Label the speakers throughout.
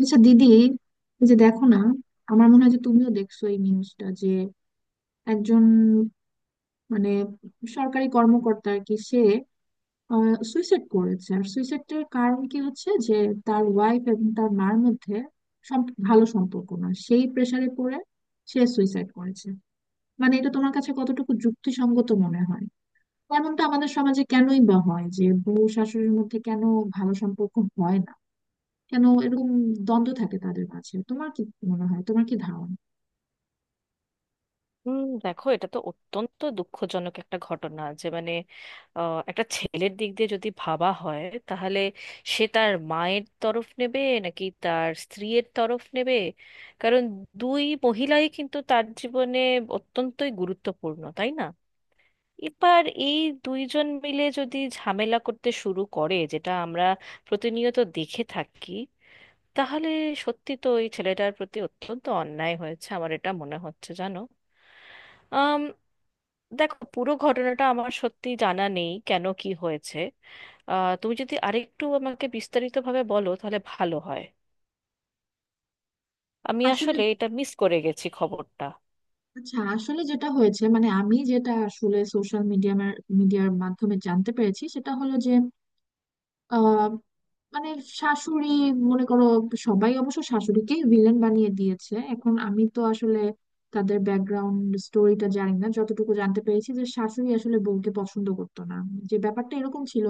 Speaker 1: আচ্ছা দিদি এই যে দেখো না, আমার মনে হয় যে তুমিও দেখছো এই নিউজটা যে একজন মানে সরকারি কর্মকর্তা আর কি, সে সুইসাইড করেছে। আর সুইসাইডের কারণ কি হচ্ছে যে তার ওয়াইফ এবং তার মার মধ্যে ভালো সম্পর্ক না, সেই প্রেসারে পড়ে সে সুইসাইড করেছে। মানে এটা তোমার কাছে কতটুকু যুক্তিসঙ্গত মনে হয়? এমনটা আমাদের সমাজে কেনই বা হয় যে বউ শাশুড়ির মধ্যে কেন ভালো সম্পর্ক হয় না? কেন এরকম দ্বন্দ্ব থাকে তাদের মাঝে? তোমার কি মনে হয়, তোমার কি ধারণা?
Speaker 2: হুম, দেখো, এটা তো অত্যন্ত দুঃখজনক একটা ঘটনা যে মানে একটা ছেলের দিক দিয়ে যদি ভাবা হয়, তাহলে সে তার মায়ের তরফ নেবে নাকি তার স্ত্রীর তরফ নেবে? কারণ দুই মহিলাই কিন্তু তার জীবনে অত্যন্তই গুরুত্বপূর্ণ, তাই না? এবার এই দুইজন মিলে যদি ঝামেলা করতে শুরু করে, যেটা আমরা প্রতিনিয়ত দেখে থাকি, তাহলে সত্যি তো এই ছেলেটার প্রতি অত্যন্ত অন্যায় হয়েছে, আমার এটা মনে হচ্ছে, জানো। দেখো, পুরো ঘটনাটা আমার সত্যি জানা নেই কেন কি হয়েছে। তুমি যদি আরেকটু আমাকে বিস্তারিতভাবে বলো তাহলে ভালো হয়। আমি
Speaker 1: আসলে,
Speaker 2: আসলে এটা মিস করে গেছি খবরটা।
Speaker 1: আচ্ছা, আসলে যেটা হয়েছে, মানে আমি যেটা আসলে সোশ্যাল মিডিয়ার মিডিয়ার মাধ্যমে জানতে পেরেছি সেটা হলো যে মানে শাশুড়ি, মনে করো, সবাই অবশ্য শাশুড়িকে ভিলেন বানিয়ে দিয়েছে। এখন আমি তো আসলে তাদের ব্যাকগ্রাউন্ড স্টোরিটা জানি না। যতটুকু জানতে পেরেছি যে শাশুড়ি আসলে বউকে পছন্দ করতো না, যে ব্যাপারটা এরকম ছিল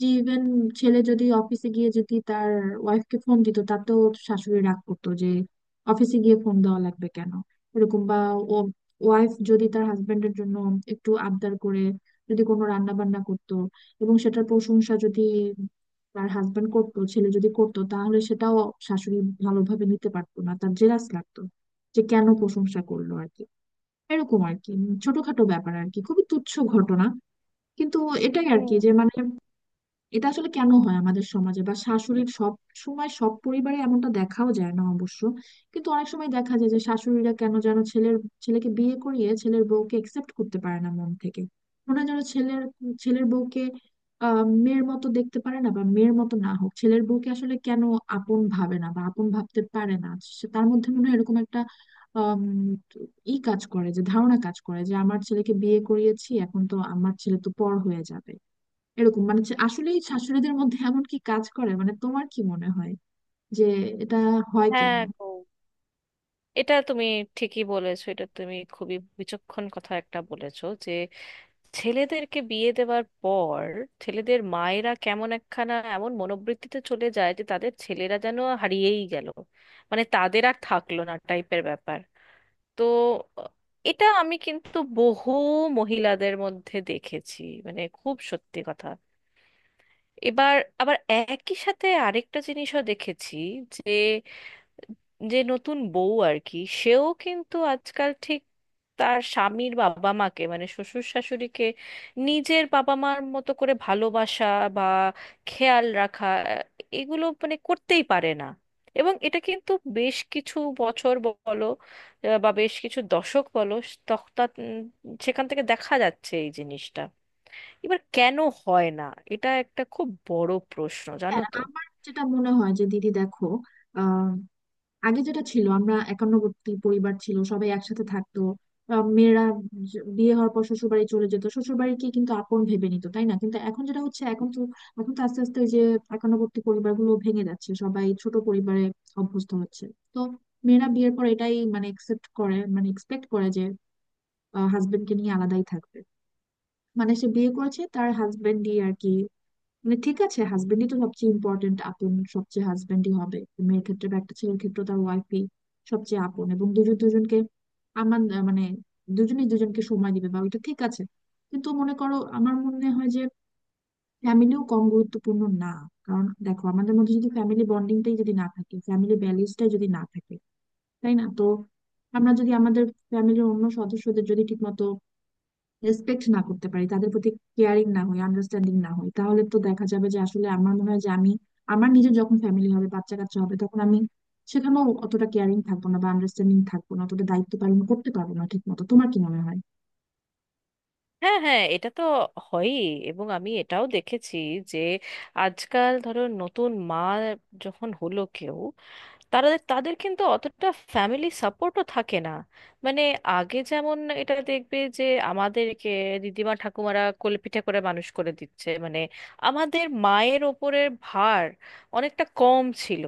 Speaker 1: যে ইভেন ছেলে যদি অফিসে গিয়ে যদি তার ওয়াইফকে ফোন দিত তাতেও শাশুড়ি রাগ করতো যে অফিসে গিয়ে ফোন দেওয়া লাগবে কেন। এরকম, বা ও ওয়াইফ যদি তার হাজবেন্ডের জন্য একটু আবদার করে, যদি কোনো রান্না বান্না করতো এবং সেটার প্রশংসা যদি তার হাজবেন্ড করতো, ছেলে যদি করতো, তাহলে সেটাও শাশুড়ি ভালোভাবে নিতে পারতো না, তার জেলাস লাগতো যে কেন প্রশংসা করলো আর কি। এরকম আর কি ছোটখাটো ব্যাপার আর কি, খুবই তুচ্ছ ঘটনা, কিন্তু এটাই আর
Speaker 2: হুম।
Speaker 1: কি যে মানে এটা আসলে কেন হয় আমাদের সমাজে? বা শাশুড়ির সব সময় সব পরিবারে এমনটা দেখাও যায় না অবশ্য, কিন্তু অনেক সময় দেখা যায় যে শাশুড়িরা কেন যেন ছেলেকে বিয়ে করিয়ে ছেলের বউকে একসেপ্ট করতে পারে না মন থেকে। মনে হয় যেন ছেলের ছেলের বউকে আহ মেয়ের মতো দেখতে পারে না, বা মেয়ের মতো না হোক ছেলের বউকে আসলে কেন আপন ভাবে না বা আপন ভাবতে পারে না। তার মধ্যে মনে হয় এরকম একটা আম, ই কাজ করে, যে ধারণা কাজ করে যে আমার ছেলেকে বিয়ে করিয়েছি, এখন তো আমার ছেলে তো পর হয়ে যাবে। এরকম, মানে হচ্ছে আসলেই শাশুড়িদের মধ্যে এমন কি কাজ করে, মানে তোমার কি মনে হয় যে এটা হয় কেন?
Speaker 2: হ্যাঁ গো, এটা তুমি ঠিকই বলেছো, এটা তুমি খুবই বিচক্ষণ কথা একটা বলেছো যে ছেলেদেরকে বিয়ে দেওয়ার পর ছেলেদের মায়েরা কেমন একখানা এমন মনোবৃত্তিতে চলে যায় যে তাদের ছেলেরা যেন হারিয়েই গেল, মানে তাদের আর থাকলো না টাইপের ব্যাপার। তো আহ, এটা আমি কিন্তু বহু মহিলাদের মধ্যে দেখেছি, মানে খুব সত্যি কথা। এবার আবার একই সাথে আরেকটা জিনিসও দেখেছি যে যে নতুন বউ আর কি, সেও কিন্তু আজকাল ঠিক তার স্বামীর বাবা মাকে মানে শ্বশুর শাশুড়িকে নিজের বাবা মার মতো করে ভালোবাসা বা খেয়াল রাখা, আহ, এগুলো মানে করতেই পারে না। এবং এটা কিন্তু বেশ কিছু বছর বলো, বা বেশ কিছু দশক বলো, তখ- তা- উম, সেখান থেকে দেখা যাচ্ছে এই জিনিসটা। এবার কেন হয় না, এটা একটা খুব বড় প্রশ্ন, জানো
Speaker 1: হ্যাঁ,
Speaker 2: তো।
Speaker 1: আমার যেটা মনে হয় যে দিদি দেখো, আহ আগে যেটা ছিল, আমরা একান্নবর্তী পরিবার ছিল, সবাই একসাথে থাকতো। মেয়েরা বিয়ে হওয়ার পর শ্বশুর বাড়ি চলে যেত, শ্বশুর বাড়িকে কিন্তু আপন ভেবে নিত, তাই না? কিন্তু এখন যেটা হচ্ছে, এখন তো আস্তে আস্তে ওই যে একান্নবর্তী পরিবারগুলো ভেঙে যাচ্ছে, সবাই ছোট পরিবারে অভ্যস্ত হচ্ছে। তো মেয়েরা বিয়ের পর এটাই মানে একসেপ্ট করে, মানে এক্সপেক্ট করে যে হাজবেন্ডকে নিয়ে আলাদাই থাকবে। মানে সে বিয়ে করেছে, তার হাজবেন্ডই আর কি, মানে ঠিক আছে হাজবেন্ডই তো সবচেয়ে ইম্পর্টেন্ট আপন, সবচেয়ে হাজবেন্ডই হবে মেয়ের ক্ষেত্রে, বা একটা ছেলের ক্ষেত্রে তার ওয়াইফই সবচেয়ে আপন, এবং দুজন দুজনকে, আমার মানে দুজনেই দুজনকে সময় দিবে, বা ওইটা ঠিক আছে। কিন্তু মনে করো, আমার মনে হয় যে ফ্যামিলিও কম গুরুত্বপূর্ণ না, কারণ দেখো আমাদের মধ্যে যদি ফ্যামিলি বন্ডিংটাই যদি না থাকে, ফ্যামিলি ভ্যালিউসটাই যদি না থাকে, তাই না? তো আমরা যদি আমাদের ফ্যামিলির অন্য সদস্যদের যদি ঠিকমতো রেসপেক্ট না করতে পারি, তাদের প্রতি কেয়ারিং না হই, আন্ডারস্ট্যান্ডিং না হই, তাহলে তো দেখা যাবে যে আসলে আমার মনে হয় যে আমি আমার নিজের যখন ফ্যামিলি হবে, বাচ্চা কাচ্চা হবে, তখন আমি সেখানেও অতটা কেয়ারিং থাকবো না বা আন্ডারস্ট্যান্ডিং থাকবো না, অতটা দায়িত্ব পালন করতে পারবো না ঠিক মতো। তোমার কি মনে হয়?
Speaker 2: হ্যাঁ হ্যাঁ, এটা তো হয়ই। এবং আমি এটাও দেখেছি যে আজকাল ধরো নতুন মা যখন হলো কেউ, তারা তাদের কিন্তু অতটা ফ্যামিলি সাপোর্টও থাকে না। মানে আগে যেমন এটা দেখবে যে আমাদেরকে দিদিমা ঠাকুমারা কোলেপিঠে করে মানুষ করে দিচ্ছে, মানে আমাদের মায়ের ওপরের ভার অনেকটা কম ছিল।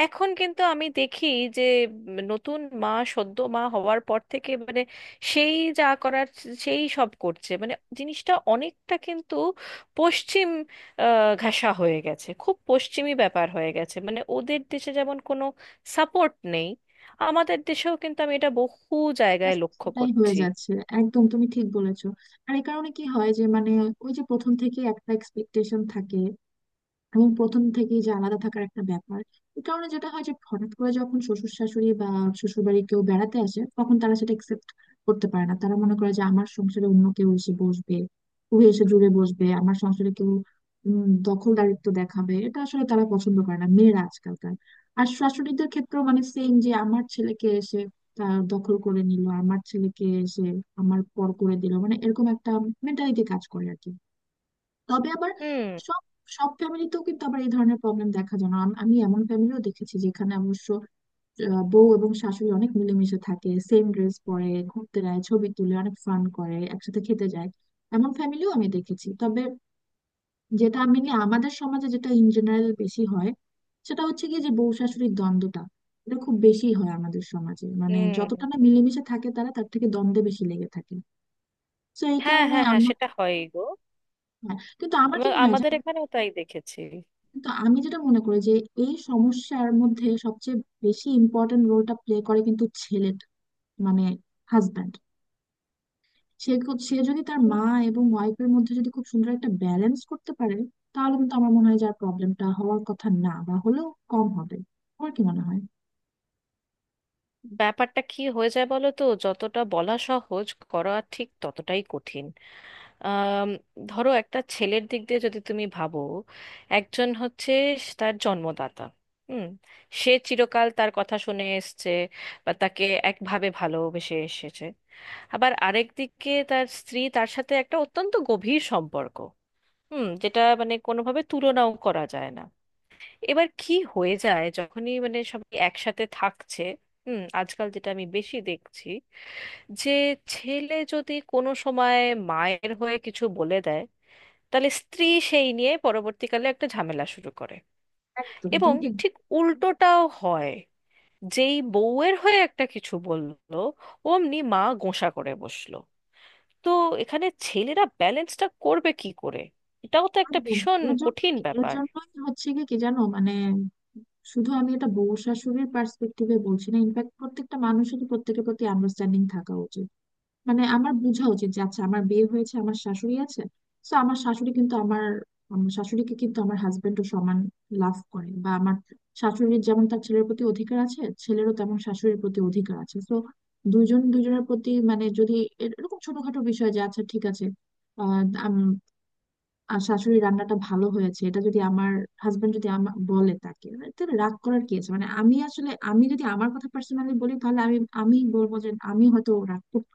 Speaker 2: এখন কিন্তু আমি দেখি যে নতুন মা সদ্য মা হওয়ার পর থেকে মানে সেই যা করার সেই সব করছে। মানে জিনিসটা অনেকটা কিন্তু পশ্চিম ঘেঁষা হয়ে গেছে, খুব পশ্চিমী ব্যাপার হয়ে গেছে। মানে ওদের দেশে যেমন কোনো সাপোর্ট নেই, আমাদের দেশেও কিন্তু আমি এটা বহু জায়গায়
Speaker 1: ব্যাস,
Speaker 2: লক্ষ্য
Speaker 1: সেটাই হয়ে
Speaker 2: করছি।
Speaker 1: যাচ্ছে। একদম তুমি ঠিক বলেছো। আর এই কারণে কি হয় যে মানে ওই যে প্রথম থেকে একটা এক্সপেকটেশন থাকে এবং প্রথম থেকেই যে আলাদা থাকার একটা ব্যাপার, এই কারণে যেটা হয় যে হঠাৎ করে যখন শ্বশুর শাশুড়ি বা শ্বশুর বাড়ি কেউ বেড়াতে আসে, তখন তারা সেটা একসেপ্ট করতে পারে না। তারা মনে করে যে আমার সংসারে অন্য কেউ এসে বসবে, কেউ এসে জুড়ে বসবে, আমার সংসারে কেউ দখলদারিত্ব দেখাবে, এটা আসলে তারা পছন্দ করে না মেয়েরা আজকালকার। আর শাশুড়িদের ক্ষেত্রেও মানে সেম, যে আমার ছেলেকে এসে তার দখল করে নিল, আমার ছেলেকে এসে আমার পর করে দিল, মানে এরকম একটা মেন্টালিটি কাজ করে আর কি। তবে আবার
Speaker 2: হুম।
Speaker 1: সব সব ফ্যামিলিতেও কিন্তু আবার এই ধরনের প্রবলেম দেখা যায় না। আমি এমন ফ্যামিলিও দেখেছি যেখানে অবশ্য বউ এবং শাশুড়ি অনেক মিলেমিশে থাকে, সেম ড্রেস পরে ঘুরতে যায়, ছবি তুলে, অনেক ফান করে, একসাথে খেতে যায়। এমন ফ্যামিলিও আমি দেখেছি। তবে যেটা আমি নিয়ে আমাদের সমাজে যেটা ইন জেনারেল বেশি হয়, সেটা হচ্ছে কি যে বউ শাশুড়ির দ্বন্দ্বটা এটা খুব বেশি হয় আমাদের সমাজে, মানে
Speaker 2: হুম।
Speaker 1: যতটা না মিলেমিশে থাকে তারা, তার থেকে দ্বন্দ্বে বেশি লেগে থাকে। তো এই
Speaker 2: হ্যাঁ
Speaker 1: কারণে
Speaker 2: হ্যাঁ হ্যাঁ,
Speaker 1: আমার,
Speaker 2: সেটা হয় গো।
Speaker 1: হ্যাঁ, কিন্তু আমার কি
Speaker 2: এবং
Speaker 1: মনে হয়,
Speaker 2: আমাদের এখানেও তাই দেখেছি।
Speaker 1: তো আমি যেটা মনে করি যে এই সমস্যার মধ্যে সবচেয়ে বেশি ইম্পর্টেন্ট রোলটা প্লে করে কিন্তু ছেলেটা, মানে হাজব্যান্ড। সে যদি তার মা এবং ওয়াইফের মধ্যে যদি খুব সুন্দর একটা ব্যালেন্স করতে পারে, তাহলে কিন্তু আমার মনে হয় যে আর প্রবলেমটা হওয়ার কথা না, বা হলেও কম হবে। তোমার কি মনে হয়?
Speaker 2: ব্যাপারটা কি হয়ে যায় বলো তো, যতটা বলা সহজ করা ঠিক ততটাই কঠিন। আম, ধরো একটা ছেলের দিক দিয়ে যদি তুমি ভাবো, একজন হচ্ছে তার জন্মদাতা। হুম। সে চিরকাল তার কথা শুনে এসছে বা তাকে একভাবে ভালোবেসে এসেছে। আবার আরেক দিকে তার স্ত্রী, তার সাথে একটা অত্যন্ত গভীর সম্পর্ক। হুম। যেটা মানে কোনোভাবে তুলনাও করা যায় না। এবার কি হয়ে যায় যখনই মানে সবাই একসাথে থাকছে। হুম। আজকাল যেটা আমি বেশি দেখছি যে ছেলে যদি কোনো সময় মায়ের হয়ে কিছু বলে দেয়, তাহলে স্ত্রী সেই নিয়ে পরবর্তীকালে একটা ঝামেলা শুরু করে।
Speaker 1: একদম
Speaker 2: এবং
Speaker 1: তুমি ঠিক।
Speaker 2: ঠিক উল্টোটাও হয়, যেই বউয়ের হয়ে একটা কিছু বললো, অমনি মা গোঁসা করে বসলো। তো এখানে ছেলেরা ব্যালেন্সটা করবে কি করে, এটাও তো একটা
Speaker 1: একদম
Speaker 2: ভীষণ
Speaker 1: এর জন্য,
Speaker 2: কঠিন
Speaker 1: এর
Speaker 2: ব্যাপার।
Speaker 1: জন্যই হচ্ছে কি কি জানো মানে, শুধু আমি এটা বউ শাশুড়ির পার্সপেক্টিভে বলছি না, ইনফ্যাক্ট প্রত্যেকটা মানুষেরই প্রত্যেকের প্রতি আন্ডারস্ট্যান্ডিং থাকা উচিত। মানে আমার বোঝা উচিত যে আচ্ছা আমার বিয়ে হয়েছে, আমার শাশুড়ি আছে, তো আমার শাশুড়ি কিন্তু আমার, আমার শাশুড়িকে কিন্তু আমার হাজবেন্ডও সমান লাভ করে, বা আমার শাশুড়ির যেমন তার ছেলের প্রতি অধিকার আছে, ছেলেরও তেমন শাশুড়ির প্রতি অধিকার আছে। তো দুজন দুজনের প্রতি মানে যদি এরকম ছোটখাটো বিষয় যে আচ্ছা ঠিক আছে, আহ আম- আর শাশুড়ি রান্নাটা ভালো হয়েছে এটা যদি আমার হাজবেন্ড যদি আমার বলে তাকে মানে, তাহলে রাগ করার কি আছে? মানে আমি আসলে, আমি যদি আমার কথা পার্সোনালি বলি, তাহলে আমি, আমি বলবো যে আমি হয়তো রাগ করতে,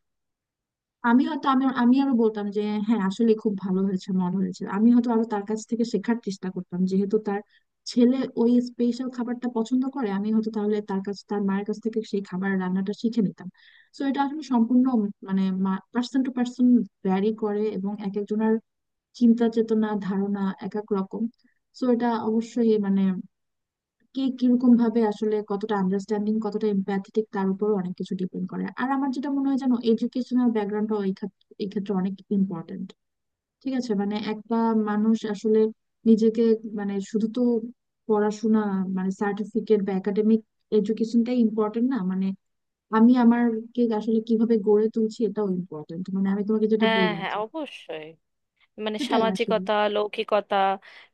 Speaker 1: আমি হয়তো আমি আমি আরো বলতাম যে হ্যাঁ আসলে খুব ভালো হয়েছে, মজা হয়েছে, আমি হয়তো আরো তার কাছ থেকে শেখার চেষ্টা করতাম, যেহেতু তার ছেলে ওই স্পেশাল খাবারটা পছন্দ করে, আমি হয়তো তাহলে তার কাছ, তার মায়ের কাছ থেকে সেই খাবার রান্নাটা শিখে নিতাম। তো এটা আসলে সম্পূর্ণ মানে পার্সন টু পার্সন ভ্যারি করে, এবং এক একজনের চিন্তা চেতনা ধারণা এক এক রকম। তো এটা অবশ্যই মানে কে কিরকম ভাবে আসলে, কতটা আন্ডারস্ট্যান্ডিং, কতটা এম্প্যাথেটিক, তার উপরও অনেক কিছু ডিপেন্ড করে। আর আমার যেটা মনে হয় জানো, এডুকেশনাল ব্যাকগ্রাউন্ডটা এই এই ক্ষেত্রে অনেক ইম্পর্ট্যান্ট। ঠিক আছে মানে একটা মানুষ আসলে নিজেকে, মানে শুধু তো পড়াশোনা মানে সার্টিফিকেট বা একাডেমিক এডুকেশনটাই ইম্পর্ট্যান্ট না, মানে আমি আমারকে আসলে কিভাবে গড়ে তুলছি এটাও ইম্পর্ট্যান্ট, মানে আমি তোমাকে যেটা
Speaker 2: হ্যাঁ
Speaker 1: বললাম।
Speaker 2: হ্যাঁ, অবশ্যই। মানে
Speaker 1: সেটাই আসলে।
Speaker 2: সামাজিকতা, লৌকিকতা,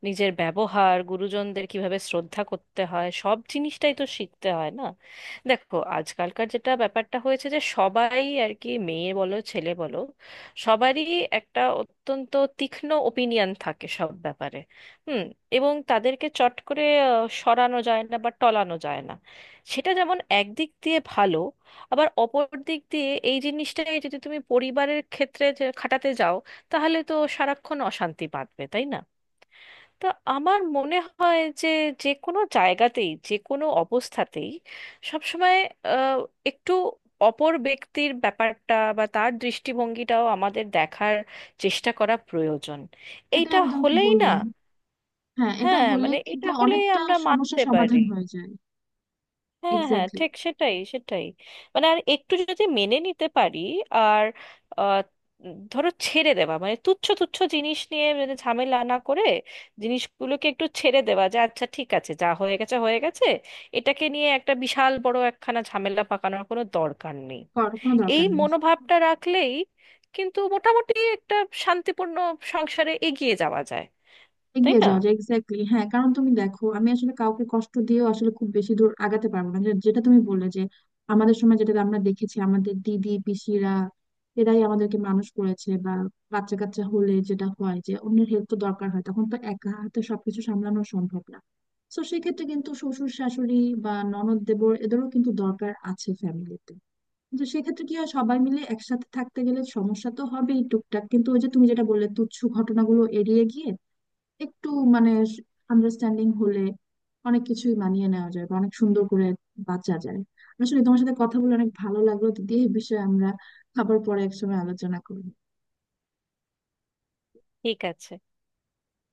Speaker 2: নিজের ব্যবহার, গুরুজনদের কিভাবে শ্রদ্ধা করতে হয়, সব জিনিসটাই তো শিখতে হয় না? দেখো, আজকালকার যেটা ব্যাপারটা হয়েছে, যে সবাই আর কি মেয়ে বলো ছেলে বলো, সবারই একটা অত্যন্ত তীক্ষ্ণ ওপিনিয়ন থাকে সব ব্যাপারে। হুম। এবং তাদেরকে চট করে সরানো যায় না বা টলানো যায় না। সেটা যেমন একদিক দিয়ে ভালো, আবার অপর দিক দিয়ে এই জিনিসটাই যদি তুমি পরিবারের ক্ষেত্রে যে খাটাতে যাও, তাহলে তো সারাক্ষণ অশান্তি বাঁধবে, তাই না? তা আমার মনে হয় যে যে কোনো জায়গাতেই, যে কোনো অবস্থাতেই, সবসময় আহ, একটু অপর ব্যক্তির ব্যাপারটা বা তার দৃষ্টিভঙ্গিটাও আমাদের দেখার চেষ্টা করা প্রয়োজন।
Speaker 1: সেটাই
Speaker 2: এইটা
Speaker 1: আমি তোমাকে
Speaker 2: হলেই না।
Speaker 1: বললাম। হ্যাঁ, এটা
Speaker 2: হ্যাঁ,
Speaker 1: হলে
Speaker 2: মানে
Speaker 1: কিন্তু
Speaker 2: এটা হলেই
Speaker 1: অনেকটা
Speaker 2: আমরা
Speaker 1: সমস্যা
Speaker 2: মানতে পারি।
Speaker 1: সমাধান হয়ে যায়।
Speaker 2: হ্যাঁ হ্যাঁ,
Speaker 1: এক্স্যাক্টলি।
Speaker 2: ঠিক সেটাই, সেটাই। মানে আর একটু যদি মেনে নিতে পারি, আর আহ, ধরো ছেড়ে দেওয়া, মানে তুচ্ছ তুচ্ছ জিনিস নিয়ে মানে ঝামেলা না করে জিনিসগুলোকে একটু ছেড়ে দেওয়া, যে আচ্ছা ঠিক আছে, যা হয়ে গেছে হয়ে গেছে, এটাকে নিয়ে একটা বিশাল বড় একখানা ঝামেলা পাকানোর কোনো দরকার নেই।
Speaker 1: কর কোনো
Speaker 2: এই
Speaker 1: দরকার নেই।
Speaker 2: মনোভাবটা রাখলেই কিন্তু মোটামুটি একটা শান্তিপূর্ণ সংসারে এগিয়ে যাওয়া যায়, তাই
Speaker 1: এগিয়ে
Speaker 2: না?
Speaker 1: যাওয়া যায়। এক্স্যাক্টলি, হ্যাঁ। কারণ তুমি দেখো, আমি আসলে কাউকে কষ্ট দিয়েও আসলে খুব বেশি দূর আগাতে পারবো না। যেটা তুমি বললে যে আমাদের সময় যেটা আমরা দেখেছি, আমাদের দিদি পিসিরা এরাই আমাদেরকে মানুষ করেছে। বা বাচ্চা কাচ্চা হলে যেটা হয় যে অন্যের হেল্প তো দরকার হয়, তখন তো একা হাতে সবকিছু সামলানো সম্ভব না। তো সেক্ষেত্রে কিন্তু শ্বশুর শাশুড়ি বা ননদ দেবর এদেরও কিন্তু দরকার আছে ফ্যামিলিতে। কিন্তু সেক্ষেত্রে কি হয়, সবাই মিলে একসাথে থাকতে গেলে সমস্যা তো হবেই টুকটাক, কিন্তু ওই যে তুমি যেটা বললে, তুচ্ছ ঘটনাগুলো এড়িয়ে গিয়ে একটু মানে আন্ডারস্ট্যান্ডিং হলে অনেক কিছুই মানিয়ে নেওয়া যায়, বা অনেক সুন্দর করে বাঁচা যায়। আসলে তোমার সাথে কথা বলে অনেক ভালো লাগলো দিদি। এই বিষয়ে আমরা আবার পরে একসময় আলোচনা করবো।
Speaker 2: ঠিক আছে।